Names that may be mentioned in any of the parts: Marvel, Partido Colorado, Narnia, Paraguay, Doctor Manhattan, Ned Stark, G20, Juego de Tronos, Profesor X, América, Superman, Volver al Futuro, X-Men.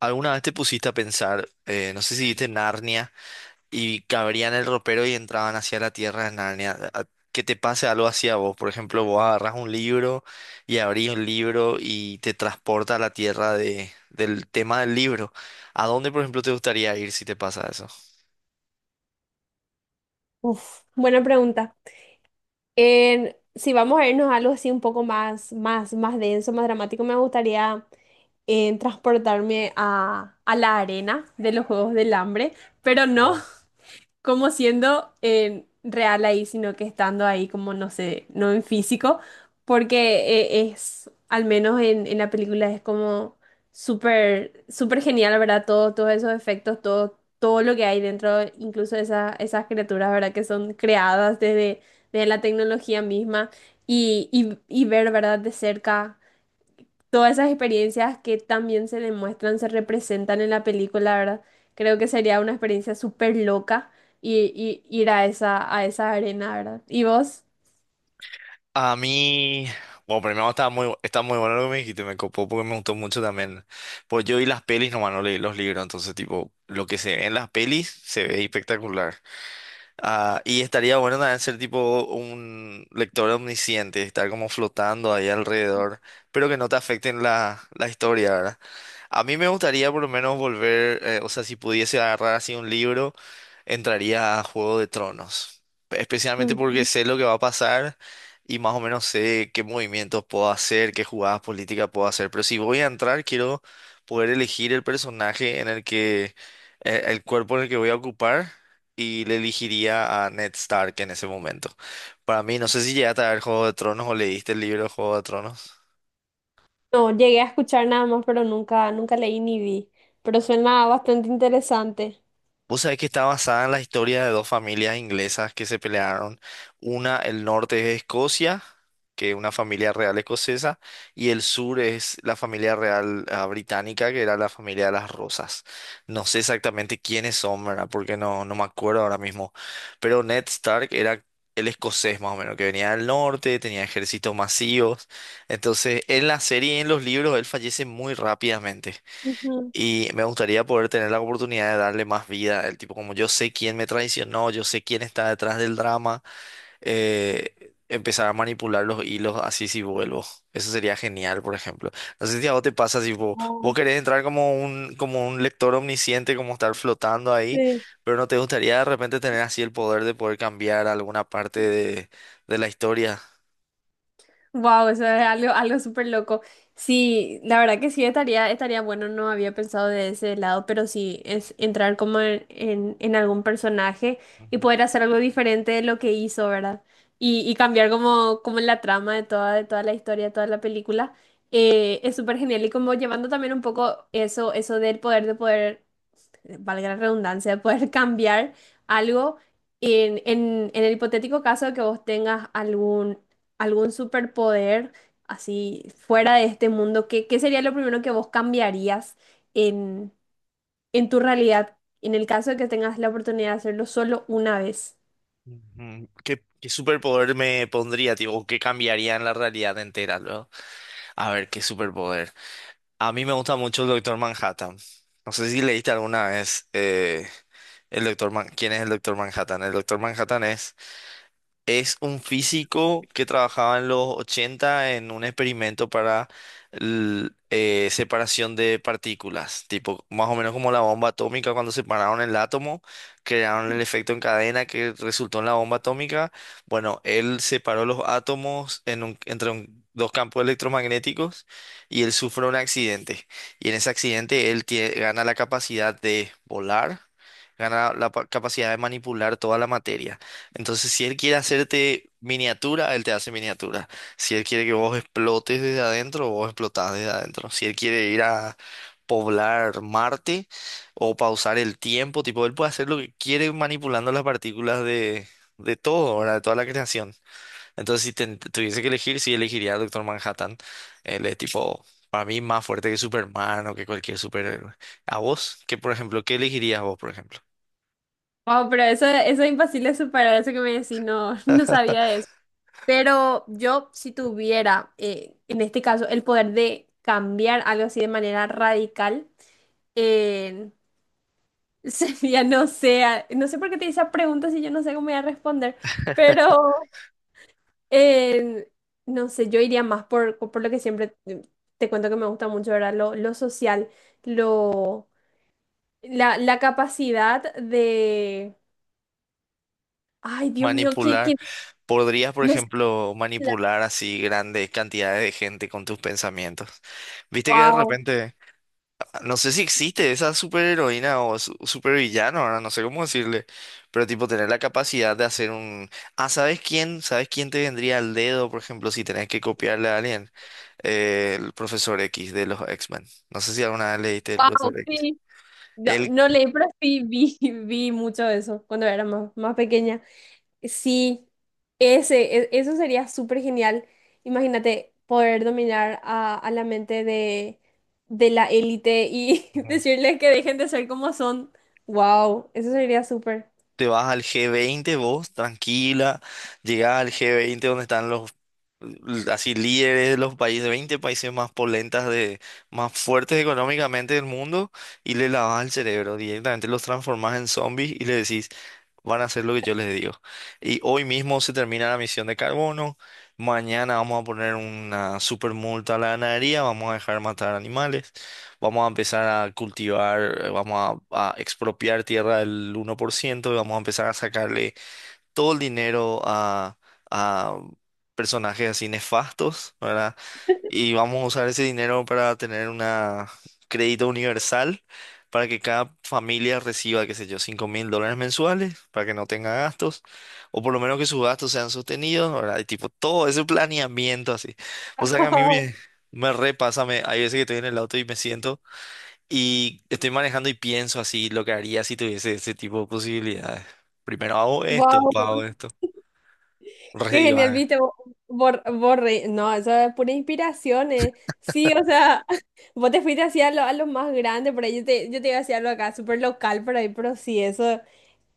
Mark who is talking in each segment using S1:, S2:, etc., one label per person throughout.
S1: ¿Alguna vez te pusiste a pensar, no sé si viste Narnia y cabrían el ropero y entraban hacia la tierra de Narnia? Que te pase algo así a vos, por ejemplo, vos agarras un libro y abrís un libro y te transporta a la tierra de, del tema del libro. ¿A dónde, por ejemplo, te gustaría ir si te pasa eso?
S2: Uf, buena pregunta. Si vamos a irnos a algo así un poco más, más denso, más dramático, me gustaría transportarme a la arena de los Juegos del Hambre, pero no,
S1: Oh.
S2: como siendo real ahí, sino que estando ahí como, no sé, no en físico, porque es, al menos en la película, es como súper genial, ¿verdad? Todo, todos esos efectos, todo, todo lo que hay dentro, incluso esas criaturas, ¿verdad? Que son creadas desde la tecnología misma y ver, ¿verdad? De cerca todas esas experiencias que también se demuestran, se representan en la película, ¿verdad? Creo que sería una experiencia súper loca y ir a esa arena, ¿verdad? ¿Y vos?
S1: A mí, bueno, primero está muy bueno lo que me dijiste, me copó porque me gustó mucho también. Pues yo vi las pelis, nomás no leí los libros, entonces tipo, lo que se ve en las pelis se ve espectacular. Ah, y estaría bueno también ser tipo un lector omnisciente, estar como flotando ahí alrededor, pero que no te afecten la, la historia, ¿verdad? A mí me gustaría por lo menos volver, o sea, si pudiese agarrar así un libro, entraría a Juego de Tronos, especialmente porque
S2: Ujú.
S1: sé lo que va a pasar y más o menos sé qué movimientos puedo hacer, qué jugadas políticas puedo hacer, pero si voy a entrar, quiero poder elegir el personaje en el que, el cuerpo en el que voy a ocupar y le elegiría a Ned Stark en ese momento. Para mí, no sé si llegaste a ver Juego de Tronos o leíste el libro de Juego de Tronos.
S2: No, llegué a escuchar nada más, pero nunca, nunca leí ni vi. Pero suena bastante interesante.
S1: Vos sabés que está basada en la historia de dos familias inglesas que se pelearon. Una, el norte es Escocia, que es una familia real escocesa, y el sur es la familia real ah, británica, que era la familia de las Rosas. No sé exactamente quiénes son, ¿verdad? Porque no, no me acuerdo ahora mismo. Pero Ned Stark era el escocés más o menos, que venía del norte, tenía ejércitos masivos. Entonces, en la serie y en los libros, él fallece muy rápidamente.
S2: Ujú.
S1: Y me gustaría poder tener la oportunidad de darle más vida. El tipo, como yo sé quién me traicionó, yo sé quién está detrás del drama, empezar a manipular los hilos así si vuelvo. Eso sería genial, por ejemplo. No sé si a vos te pasa, si vos, vos
S2: Ah,
S1: querés entrar como un lector omnisciente, como estar flotando ahí,
S2: sí.
S1: pero no te gustaría de repente tener así el poder de poder cambiar alguna parte de la historia.
S2: Wow, eso es algo, algo súper loco. Sí, la verdad que sí estaría, estaría bueno, no había pensado de ese lado, pero sí es entrar como en algún personaje y
S1: Ujú,
S2: poder hacer algo diferente de lo que hizo, ¿verdad? Y cambiar como, como la trama de toda la historia, de toda la película. Es súper genial y como llevando también un poco eso, eso del poder de poder valga la redundancia, poder cambiar algo en, en el hipotético caso de que vos tengas algún, algún superpoder así fuera de este mundo, ¿qué, qué sería lo primero que vos cambiarías en, en tu realidad en el caso de que tengas la oportunidad de hacerlo solo una vez?
S1: ujú. ¿Qué superpoder me pondría, tipo, qué cambiaría en la realidad entera? A ver, qué superpoder. A mí me gusta mucho el Doctor Manhattan. No sé si leíste alguna vez el ¿Quién es el Doctor Manhattan? El Doctor Manhattan es un físico que trabajaba en los 80 en un experimento para separación de partículas, tipo más o menos como la bomba atómica cuando separaron el átomo, crearon el efecto en cadena que resultó en la bomba atómica. Bueno, él separó los átomos en dos campos electromagnéticos y él sufre un accidente. Y en ese accidente él gana la capacidad de volar, gana la capacidad de manipular toda la materia. Entonces, si él quiere hacerte miniatura, él te hace miniatura. Si él quiere que vos explotes desde adentro, vos explotás desde adentro. Si él quiere ir a poblar Marte o pausar el tiempo, tipo, él puede hacer lo que quiere manipulando las partículas de todo, ¿verdad? De toda la creación. Entonces, si tuviese que elegir, sí elegiría a Doctor Manhattan. Él es tipo, para mí, más fuerte que Superman o que cualquier superhéroe. ¿A vos? ¿Qué, por ejemplo, qué elegirías vos, por ejemplo?
S2: Wow, pero eso es imposible de superar, eso que me decís, no, no sabía de eso. Pero yo, si tuviera, en este caso, el poder de cambiar algo así de manera radical, ya no sé, no sé por qué te hice esa pregunta si yo no sé cómo voy a responder, pero eh, no sé, yo iría más por lo que siempre te te cuento que me gusta mucho, ¿verdad? Lo social, lo, la capacidad de... Ay, Dios mío,
S1: Manipular.
S2: que,
S1: Podrías, por
S2: no sé,
S1: ejemplo, manipular así grandes cantidades de gente con tus pensamientos. Viste que de
S2: wow,
S1: repente, no sé si existe esa superheroína o supervillano, ahora no sé cómo decirle, pero tipo tener la capacidad de hacer un... Ah, ¿sabes quién? ¿Sabes quién te vendría al dedo, por ejemplo, si tenés que copiarle a alguien? El profesor X de los X-Men. No sé si alguna vez leíste el
S2: wow,
S1: profesor X.
S2: sí, no,
S1: Él...
S2: no leí, pero sí vi, vi mucho eso cuando era más, más pequeña. Sí, ese, eso sería súper genial. Imagínate poder dominar a la mente de la élite y decirles que dejen de ser como son. Wow, eso sería súper.
S1: te vas al G20 vos, tranquila, llegás al G20 donde están los así líderes de los países, 20 países más polentas de, más fuertes económicamente del mundo, y le lavas el cerebro, directamente los transformas en zombies y le decís, van a hacer lo que yo les digo. Y hoy mismo se termina la misión de carbono, mañana vamos a poner una super multa a la ganadería, vamos a dejar matar animales, vamos a empezar a cultivar, vamos a expropiar tierra del 1% y vamos a empezar a sacarle todo el dinero a personajes así nefastos, ¿verdad? Y vamos a usar ese dinero para tener una crédito universal para que cada familia reciba, qué sé yo, $5.000 mensuales para que no tenga gastos, o por lo menos que sus gastos sean sostenidos, ¿verdad? Y tipo, todo ese planeamiento así. O sea que a mí me... Me repasa, me, hay veces que estoy en el auto y me siento y estoy manejando y pienso así lo que haría si tuviese ese tipo de posibilidades. Primero hago esto,
S2: Wow,
S1: después hago
S2: wow,
S1: esto. Re
S2: qué genial,
S1: divaga.
S2: viste, borre. No, eso es pura inspiración, eh. Sí, o sea, vos te fuiste hacia lo, a lo más grande, por ahí yo te iba hacia lo acá, súper local por ahí, pero sí, eso.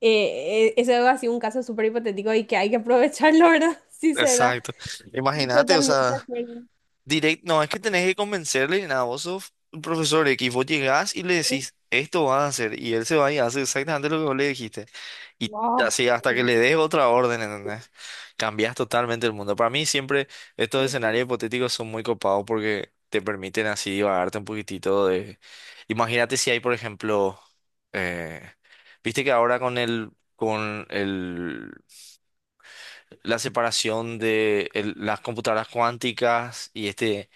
S2: Eso ha sido un caso súper hipotético y que hay que aprovecharlo, ¿verdad? Si se da.
S1: Exacto. Imagínate, o
S2: Totalmente de
S1: sea,
S2: acuerdo.
S1: directo, no, es que tenés que convencerle, nada, vos sos un profesor X, vos llegás y le decís, esto vas a hacer, y él se va y hace exactamente lo que vos le dijiste. Y
S2: Wow.
S1: así hasta que le des otra orden, ¿entendés? Cambias totalmente el mundo. Para mí siempre estos escenarios hipotéticos son muy copados porque te permiten así divagarte un poquitito de... Imagínate si hay, por ejemplo, eh, viste que ahora con el la separación de las computadoras cuánticas y este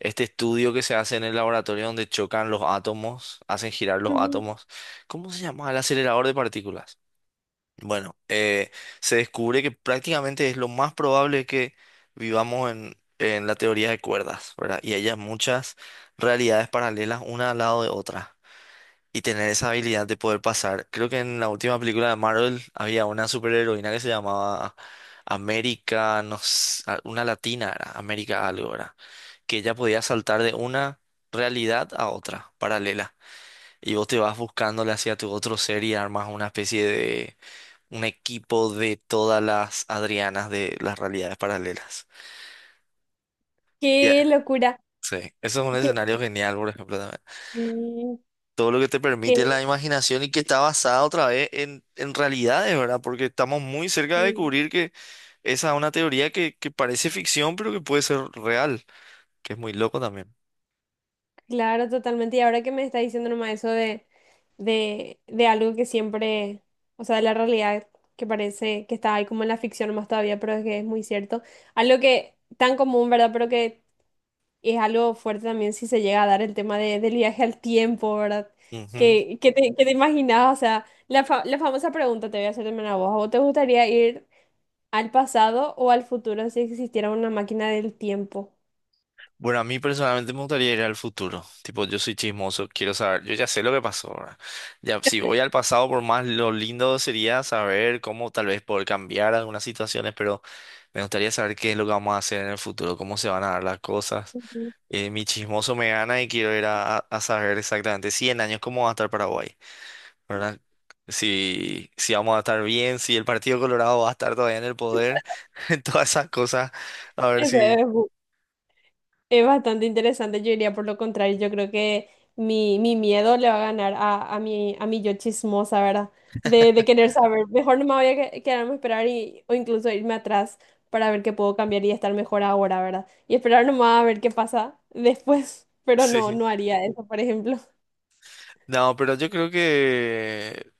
S1: este estudio que se hace en el laboratorio donde chocan los átomos, hacen girar los
S2: Ujú.
S1: átomos. ¿Cómo se llama? El acelerador de partículas. Bueno, se descubre que prácticamente es lo más probable que vivamos en la teoría de cuerdas, ¿verdad? Y haya muchas realidades paralelas una al lado de otra. Y tener esa habilidad de poder pasar. Creo que en la última película de Marvel había una superheroína que se llamaba América, no sé, una latina era, América algo era, que ella podía saltar de una realidad a otra, paralela. Y vos te vas buscándole hacia tu otro ser y armas una especie de un equipo de todas las Adrianas de las realidades paralelas. Ya.
S2: Qué locura.
S1: Sí, eso es un
S2: Que,
S1: escenario genial, por ejemplo, también.
S2: sí,
S1: Todo lo que te permite
S2: que-
S1: la imaginación y que está basada otra vez en realidades, ¿verdad? Porque estamos muy cerca de
S2: sí,
S1: descubrir que esa es una teoría que parece ficción, pero que puede ser real, que es muy loco también.
S2: claro, totalmente. Y ahora que me está diciendo nomás eso de, de algo que siempre, o sea, de la realidad que parece que está ahí como en la ficción nomás todavía, pero es que es muy cierto. Algo que tan común, ¿verdad? Pero que es algo fuerte también si se llega a dar el tema del viaje al tiempo, ¿verdad?
S1: Ujú.
S2: ¿Qué, qué te imaginabas? O sea, la, la famosa pregunta te voy a hacer también a vos. ¿A vos te gustaría ir al pasado o al futuro si existiera una máquina del tiempo?
S1: Bueno, a mí personalmente me gustaría ir al futuro. Tipo, yo soy chismoso, quiero saber. Yo ya sé lo que pasó, ¿verdad? Ya, si voy al pasado, por más lo lindo sería saber cómo tal vez poder cambiar algunas situaciones, pero me gustaría saber qué es lo que vamos a hacer en el futuro, cómo se van a dar las cosas.
S2: Ujú.
S1: Mi chismoso me gana y quiero ir a, a saber exactamente 100 años cómo va a estar Paraguay, ¿verdad? Si, si vamos a estar bien, si el Partido Colorado va a estar todavía en el poder, todas esas cosas, a ver
S2: Eso
S1: si...
S2: es bastante interesante, yo diría por lo contrario, yo creo que mi miedo le va a ganar a mi yo chismosa, ¿verdad? De querer saber, mejor no me voy a quedarme a esperar y, o incluso irme atrás para ver qué puedo cambiar y estar mejor ahora, ¿verdad? Y esperar nomás a ver qué pasa después, pero no,
S1: Sí.
S2: no haría eso, por ejemplo.
S1: No, pero yo creo que,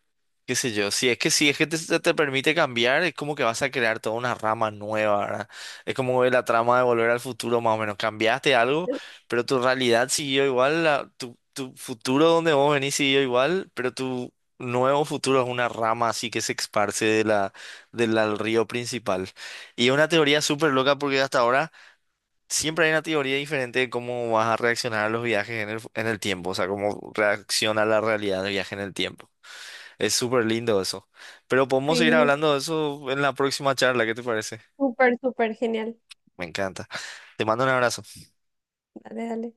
S1: qué sé yo, si es que si es que te permite cambiar, es como que vas a crear toda una rama nueva, ¿verdad? Es como la trama de Volver al Futuro, más o menos. Cambiaste algo, pero tu realidad siguió igual, la- tu futuro donde vos venís siguió igual, pero tu nuevo futuro es una rama así que se esparce de la, del al río principal. Y es una teoría súper loca porque hasta ahora... Siempre hay una teoría diferente de cómo vas a reaccionar a los viajes en el, en el tiempo, o sea, cómo reacciona la realidad del viaje en el tiempo. Es súper lindo eso. Pero podemos seguir
S2: Sí,
S1: hablando de eso en la próxima charla, ¿qué te parece?
S2: súper, súper genial.
S1: Me encanta. Te mando un abrazo.
S2: Dale, dale.